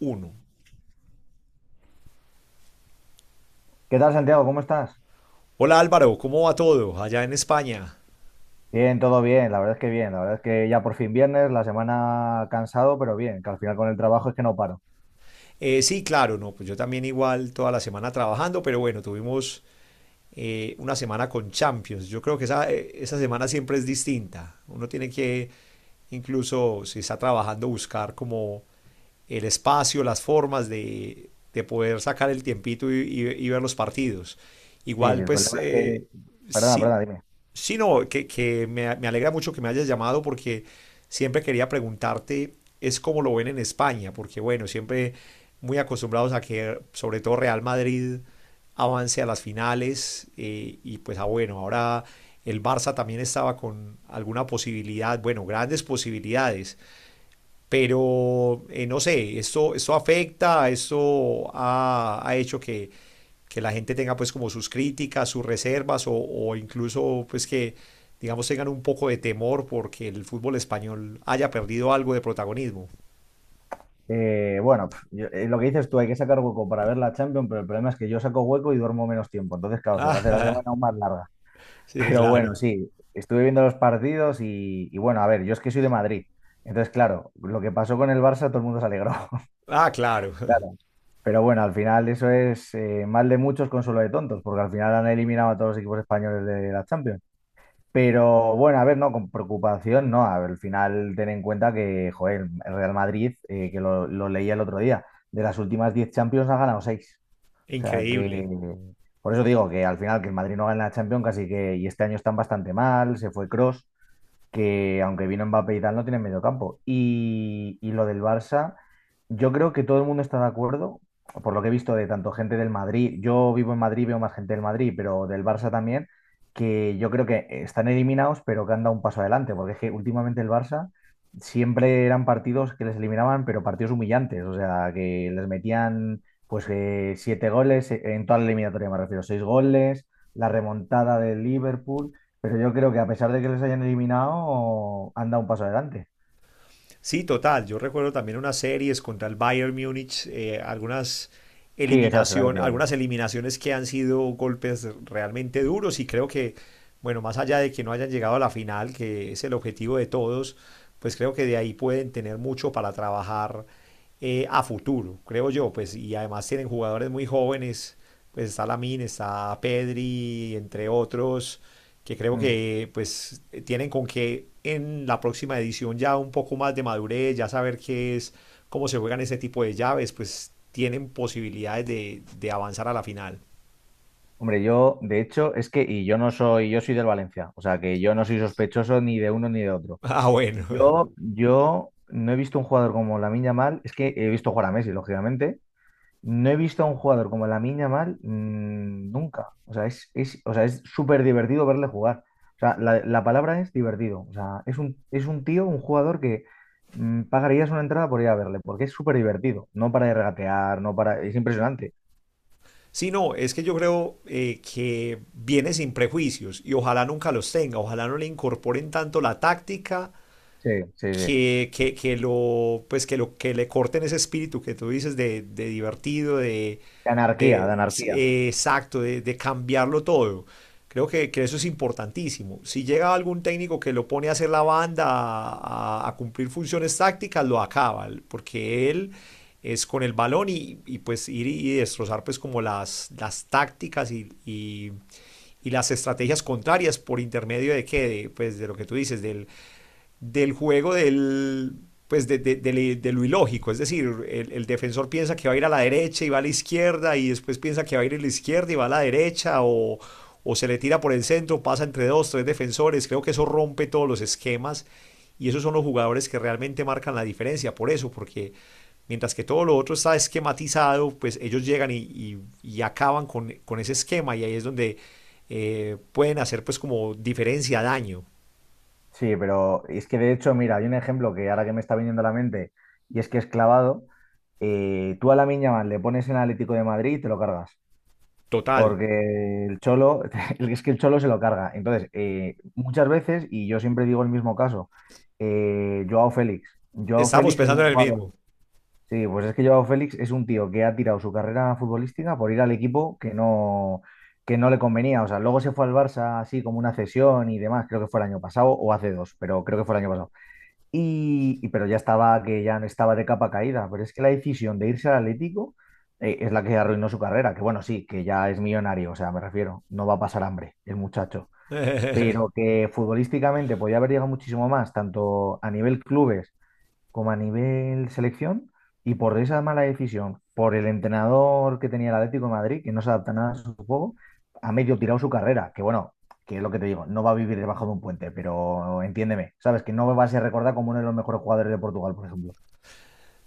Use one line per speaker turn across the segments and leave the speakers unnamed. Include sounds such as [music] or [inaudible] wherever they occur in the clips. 1.
¿Qué tal, Santiago? ¿Cómo estás?
Hola Álvaro, ¿cómo va todo allá en España?
Bien, todo bien, la verdad es que bien, la verdad es que ya por fin viernes, la semana cansado, pero bien, que al final con el trabajo es que no paro.
Sí, claro, no, pues yo también igual toda la semana trabajando, pero bueno, tuvimos una semana con Champions. Yo creo que esa semana siempre es distinta. Uno tiene que, incluso si está trabajando, buscar como el espacio, las formas de poder sacar el tiempito y ver los partidos.
Sí, sí,
Igual,
el
pues,
problema es que. Perdona,
sí,
perdona, dime.
Sí, no, que me alegra mucho que me hayas llamado, porque siempre quería preguntarte es cómo lo ven en España, porque bueno, siempre muy acostumbrados a que sobre todo Real Madrid avance a las finales y pues ah, bueno, ahora el Barça también estaba con alguna posibilidad, bueno, grandes posibilidades, pero no sé, esto afecta, esto ha hecho que, la gente tenga pues como sus críticas, sus reservas o incluso pues que digamos tengan un poco de temor porque el fútbol español haya perdido algo de protagonismo. [laughs]
Bueno, lo que dices tú, hay que sacar hueco para ver la Champions, pero el problema es que yo saco hueco y duermo menos tiempo, entonces claro, se me hace la semana
Ah,
aún más larga.
sí,
Pero
claro.
bueno, sí, estuve viendo los partidos y bueno, a ver, yo es que soy de Madrid, entonces claro, lo que pasó con el Barça todo el mundo se alegró.
Ah, claro.
Claro. Pero bueno, al final eso es mal de muchos, consuelo de tontos, porque al final han eliminado a todos los equipos españoles de la Champions. Pero bueno, a ver, no, con preocupación, no. A ver, al final ten en cuenta que, joder, el Real Madrid, que lo leía el otro día, de las últimas 10 Champions ha ganado seis.
[laughs]
O sea que,
Increíble.
por eso digo que al final que el Madrid no gana la Champions casi que, y este año están bastante mal, se fue Cross que aunque vino Mbappé y tal, no tiene medio campo. Y lo del Barça, yo creo que todo el mundo está de acuerdo, por lo que he visto de tanto gente del Madrid, yo vivo en Madrid, veo más gente del Madrid, pero del Barça también, que yo creo que están eliminados, pero que han dado un paso adelante, porque es que últimamente el Barça siempre eran partidos que les eliminaban, pero partidos humillantes, o sea, que les metían pues siete goles, en toda la eliminatoria me refiero, seis goles, la remontada del Liverpool. Pero yo creo que a pesar de que les hayan eliminado, han dado un paso adelante.
Sí, total. Yo recuerdo también unas series contra el Bayern Múnich, algunas
Sí, esa es la que te
eliminación,
digo yo.
algunas eliminaciones que han sido golpes realmente duros, y creo que, bueno, más allá de que no hayan llegado a la final, que es el objetivo de todos, pues creo que de ahí pueden tener mucho para trabajar a futuro, creo yo, pues, y además tienen jugadores muy jóvenes, pues está Lamine, está Pedri, entre otros, que creo
Mm.
que pues tienen con que en la próxima edición, ya un poco más de madurez, ya saber qué es, cómo se juegan ese tipo de llaves, pues tienen posibilidades de avanzar a la final. [laughs]
Hombre, yo, de hecho, es que, y yo no soy, yo soy del Valencia, o sea que yo no soy sospechoso ni de uno ni de otro.
Ah, bueno.
Yo no he visto un jugador como Lamine Yamal, es que he visto jugar a Messi, lógicamente. No he visto a un jugador como la Yamal nunca. O sea, o sea, es súper divertido verle jugar. O sea, la palabra es divertido. O sea, es un, tío, un jugador que pagarías una entrada por ir a verle, porque es súper divertido. No para de regatear, no para. Es impresionante.
Sí, no, es que yo creo que viene sin prejuicios y ojalá nunca los tenga, ojalá no le incorporen tanto la táctica
Sí, sí, sí.
que lo, pues que lo, que le corten ese espíritu que tú dices de divertido, de,
De anarquía, de
de
anarquía.
eh, exacto, de, de cambiarlo todo. Creo que eso es importantísimo. Si llega algún técnico que lo pone a hacer la banda, a cumplir funciones tácticas, lo acaba, porque él es con el balón, y pues ir y destrozar, pues, como las tácticas y las estrategias contrarias, por intermedio de qué, de, pues de lo que tú dices, del juego del, pues, de lo ilógico. Es decir, el defensor piensa que va a ir a la derecha y va a la izquierda, y después piensa que va a ir a la izquierda y va a la derecha, o se le tira por el centro, pasa entre dos, tres defensores. Creo que eso rompe todos los esquemas, y esos son los jugadores que realmente marcan la diferencia, por eso, porque mientras que todo lo otro está esquematizado, pues ellos llegan y acaban con ese esquema, y ahí es donde pueden hacer pues como diferencia, daño
Sí, pero es que de hecho, mira, hay un ejemplo que ahora que me está viniendo a la mente, y es que es clavado. Tú a la Yamal le pones en Atlético de Madrid y te lo cargas.
total.
Porque el cholo, [laughs] es que el cholo se lo carga. Entonces, muchas veces, y yo siempre digo el mismo caso, Joao Félix. Joao
Estamos
Félix es
pensando
un
en el
jugador.
mismo.
Sí, pues es que Joao Félix es un tío que ha tirado su carrera futbolística por ir al equipo que no, le convenía. O sea, luego se fue al Barça así como una cesión y demás, creo que fue el año pasado o hace dos, pero creo que fue el año pasado. Pero ya estaba, que ya no estaba de capa caída. Pero es que la decisión de irse al Atlético es la que arruinó su carrera. Que bueno, sí, que ya es millonario, o sea, me refiero, no va a pasar hambre el muchacho. Pero
[laughs]
que futbolísticamente podía haber llegado muchísimo más, tanto a nivel clubes como a nivel selección y por esa mala decisión, por el entrenador que tenía el Atlético de Madrid, que no se adapta nada a su juego, ha medio tirado su carrera, que bueno, que es lo que te digo, no va a vivir debajo de un puente, pero entiéndeme, sabes que no va a ser recordado como uno de los mejores jugadores de Portugal, por ejemplo.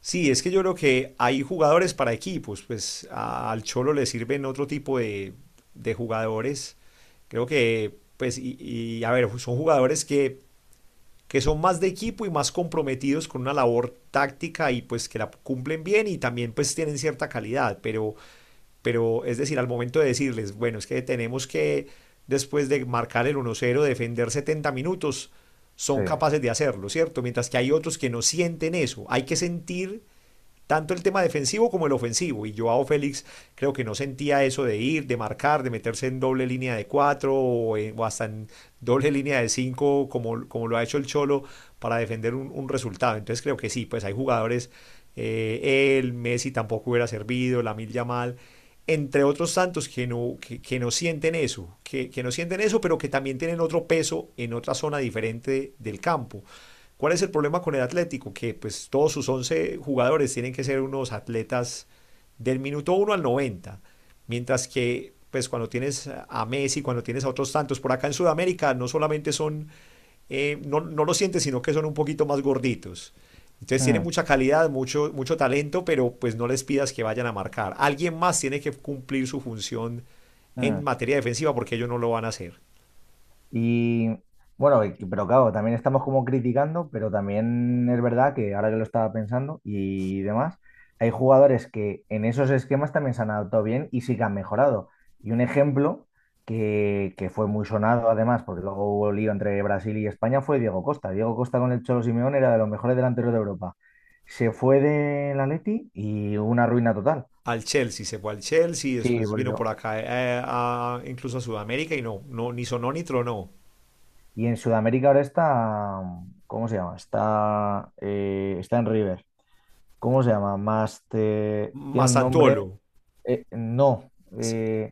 Sí, es que yo creo que hay jugadores para equipos. Pues al Cholo le sirven otro tipo de jugadores. Creo que, pues, a ver, son jugadores que son más de equipo y más comprometidos con una labor táctica, y pues que la cumplen bien y también pues tienen cierta calidad, pero es decir, al momento de decirles, bueno, es que tenemos que, después de marcar el 1-0, defender 70 minutos,
Sí.
son capaces de hacerlo, ¿cierto? Mientras que hay otros que no sienten eso. Hay que sentir tanto el tema defensivo como el ofensivo. Y Joao Félix, creo que no sentía eso de ir, de marcar, de meterse en doble línea de cuatro, o hasta en doble línea de cinco, como lo ha hecho el Cholo, para defender un resultado. Entonces creo que sí, pues hay jugadores, Messi tampoco hubiera servido, Lamil Yamal, entre otros tantos que no, que no sienten eso, que no sienten eso, pero que también tienen otro peso en otra zona diferente del campo. ¿Cuál es el problema con el Atlético? Que pues todos sus 11 jugadores tienen que ser unos atletas del minuto 1 al 90, mientras que, pues, cuando tienes a Messi, cuando tienes a otros tantos, por acá en Sudamérica, no solamente son, no, no lo sientes, sino que son un poquito más gorditos. Entonces tienen
Mm,
mucha calidad, mucho, mucho talento, pero pues no les pidas que vayan a marcar. Alguien más tiene que cumplir su función
mm.
en materia defensiva, porque ellos no lo van a hacer.
Y bueno, pero claro, también estamos como criticando, pero también es verdad que ahora que lo estaba pensando y demás, hay jugadores que en esos esquemas también se han adaptado bien y sí que han mejorado. Y un ejemplo que fue muy sonado además, porque luego hubo lío entre Brasil y España, fue Diego Costa. Diego Costa con el Cholo Simeone era de los mejores delanteros de Europa. Se fue del Atleti y hubo una ruina total.
Se fue al Chelsea,
Sí,
después
por
vino
eso.
por acá incluso a Sudamérica, y no, no, ni sonó ni tronó.
Y en Sudamérica ahora está, ¿cómo se llama? Está en River. ¿Cómo se llama? Master. Tiene un nombre.
¿Masantuolo?
No.
Sí,
eh,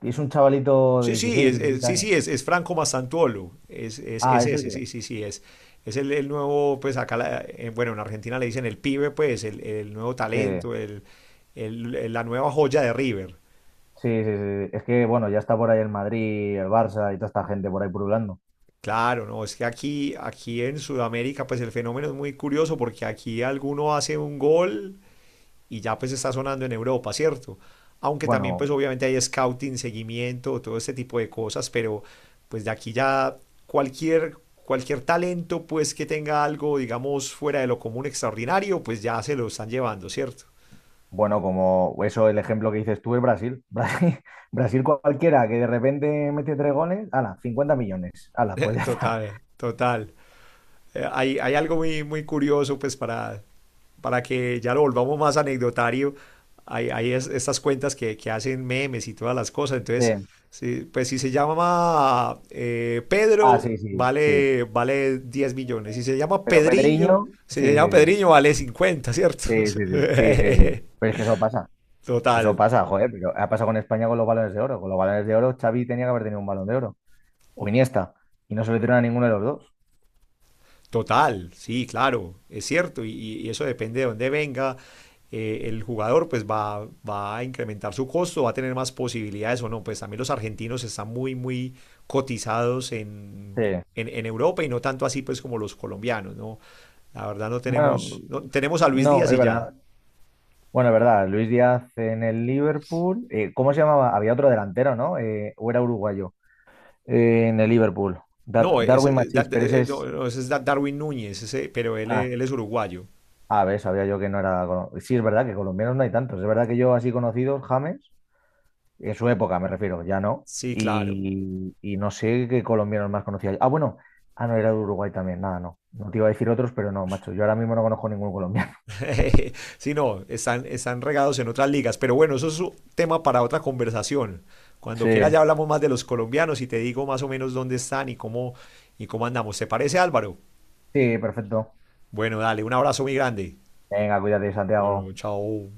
es un chavalito de
sí, sí,
16, 17
sí,
años.
sí, es Franco Masantuolo. Es, es,
Ah,
es
es
ese,
ese.
sí, sí, sí, es. Es el nuevo, pues acá, bueno, en Argentina le dicen el pibe, pues, el nuevo
Sí,
talento, la nueva joya de River.
sí, sí, sí. Es que, bueno, ya está por ahí el Madrid, el Barça y toda esta gente por ahí pululando.
Claro, no, es que aquí, en Sudamérica, pues el fenómeno es muy curioso, porque aquí alguno hace un gol y ya pues está sonando en Europa, ¿cierto? Aunque también
Bueno,
pues obviamente hay scouting, seguimiento, todo este tipo de cosas, pero pues de aquí ya cualquier, cualquier talento, pues que tenga algo, digamos, fuera de lo común, extraordinario, pues ya se lo están llevando, ¿cierto?
bueno, como eso, el ejemplo que dices tú es Brasil. [laughs] Brasil cualquiera que de repente mete tres goles, ala, 50 millones. Ala, pues
Eh,
ya está.
Total, total. Hay algo muy, muy curioso, pues, para que ya lo volvamos más anecdotario. Hay estas cuentas que hacen memes y todas las cosas. Entonces,
Sí.
sí, pues si se llama
Ah,
Pedro,
sí, sí, sí.
vale 10 millones. Si se llama
Pero
Pedriño,
Pedriño,
si
sí,
se llama
sí, sí.
Pedriño, vale 50, ¿cierto?
Sí, sí, sí. Sí,
[laughs]
sí, sí. Pero es que eso pasa.
Total.
Eso pasa, joder, pero ha pasado con España con los balones de oro. Con los balones de oro, Xavi tenía que haber tenido un balón de oro. O Iniesta. Y no se lo dieron a ninguno de los dos.
Total, sí, claro, es cierto, y eso depende de dónde venga. El jugador pues va a incrementar su costo, va a tener más posibilidades o no. Pues también los argentinos están muy, muy cotizados
Sí.
en Europa, y no tanto así, pues, como los colombianos, ¿no? La verdad, no
Bueno,
tenemos, no, tenemos a Luis
no,
Díaz
es
y ya.
verdad. Bueno, es verdad. Luis Díaz en el Liverpool. ¿Cómo se llamaba? Había otro delantero, ¿no? O era uruguayo. En el Liverpool.
No, ese,
Darwin Machís, pero ese
no,
es.
no, ese es Darwin Núñez, ese, pero él,
Ah,
es- él es uruguayo.
a ver, sabía yo que no era. Sí, es verdad que colombianos no hay tantos. Es verdad que yo así conocidos, James. En su época, me refiero, ya no.
Sí, claro.
Y no sé qué colombianos más conocía. Ah, bueno, ah, no, era de Uruguay también, nada, no. No te iba a decir otros, pero no, macho, yo ahora mismo no conozco ningún colombiano. [laughs]
[laughs] Sí, no, están regados en otras ligas. Pero bueno, eso es un tema para otra conversación. Cuando
Sí.
quiera ya hablamos más de los colombianos y te digo más o menos dónde están y cómo andamos. ¿Te parece, Álvaro?
Sí, perfecto.
Bueno, dale, un abrazo muy grande.
Venga, cuídate, Santiago.
Bueno, chao.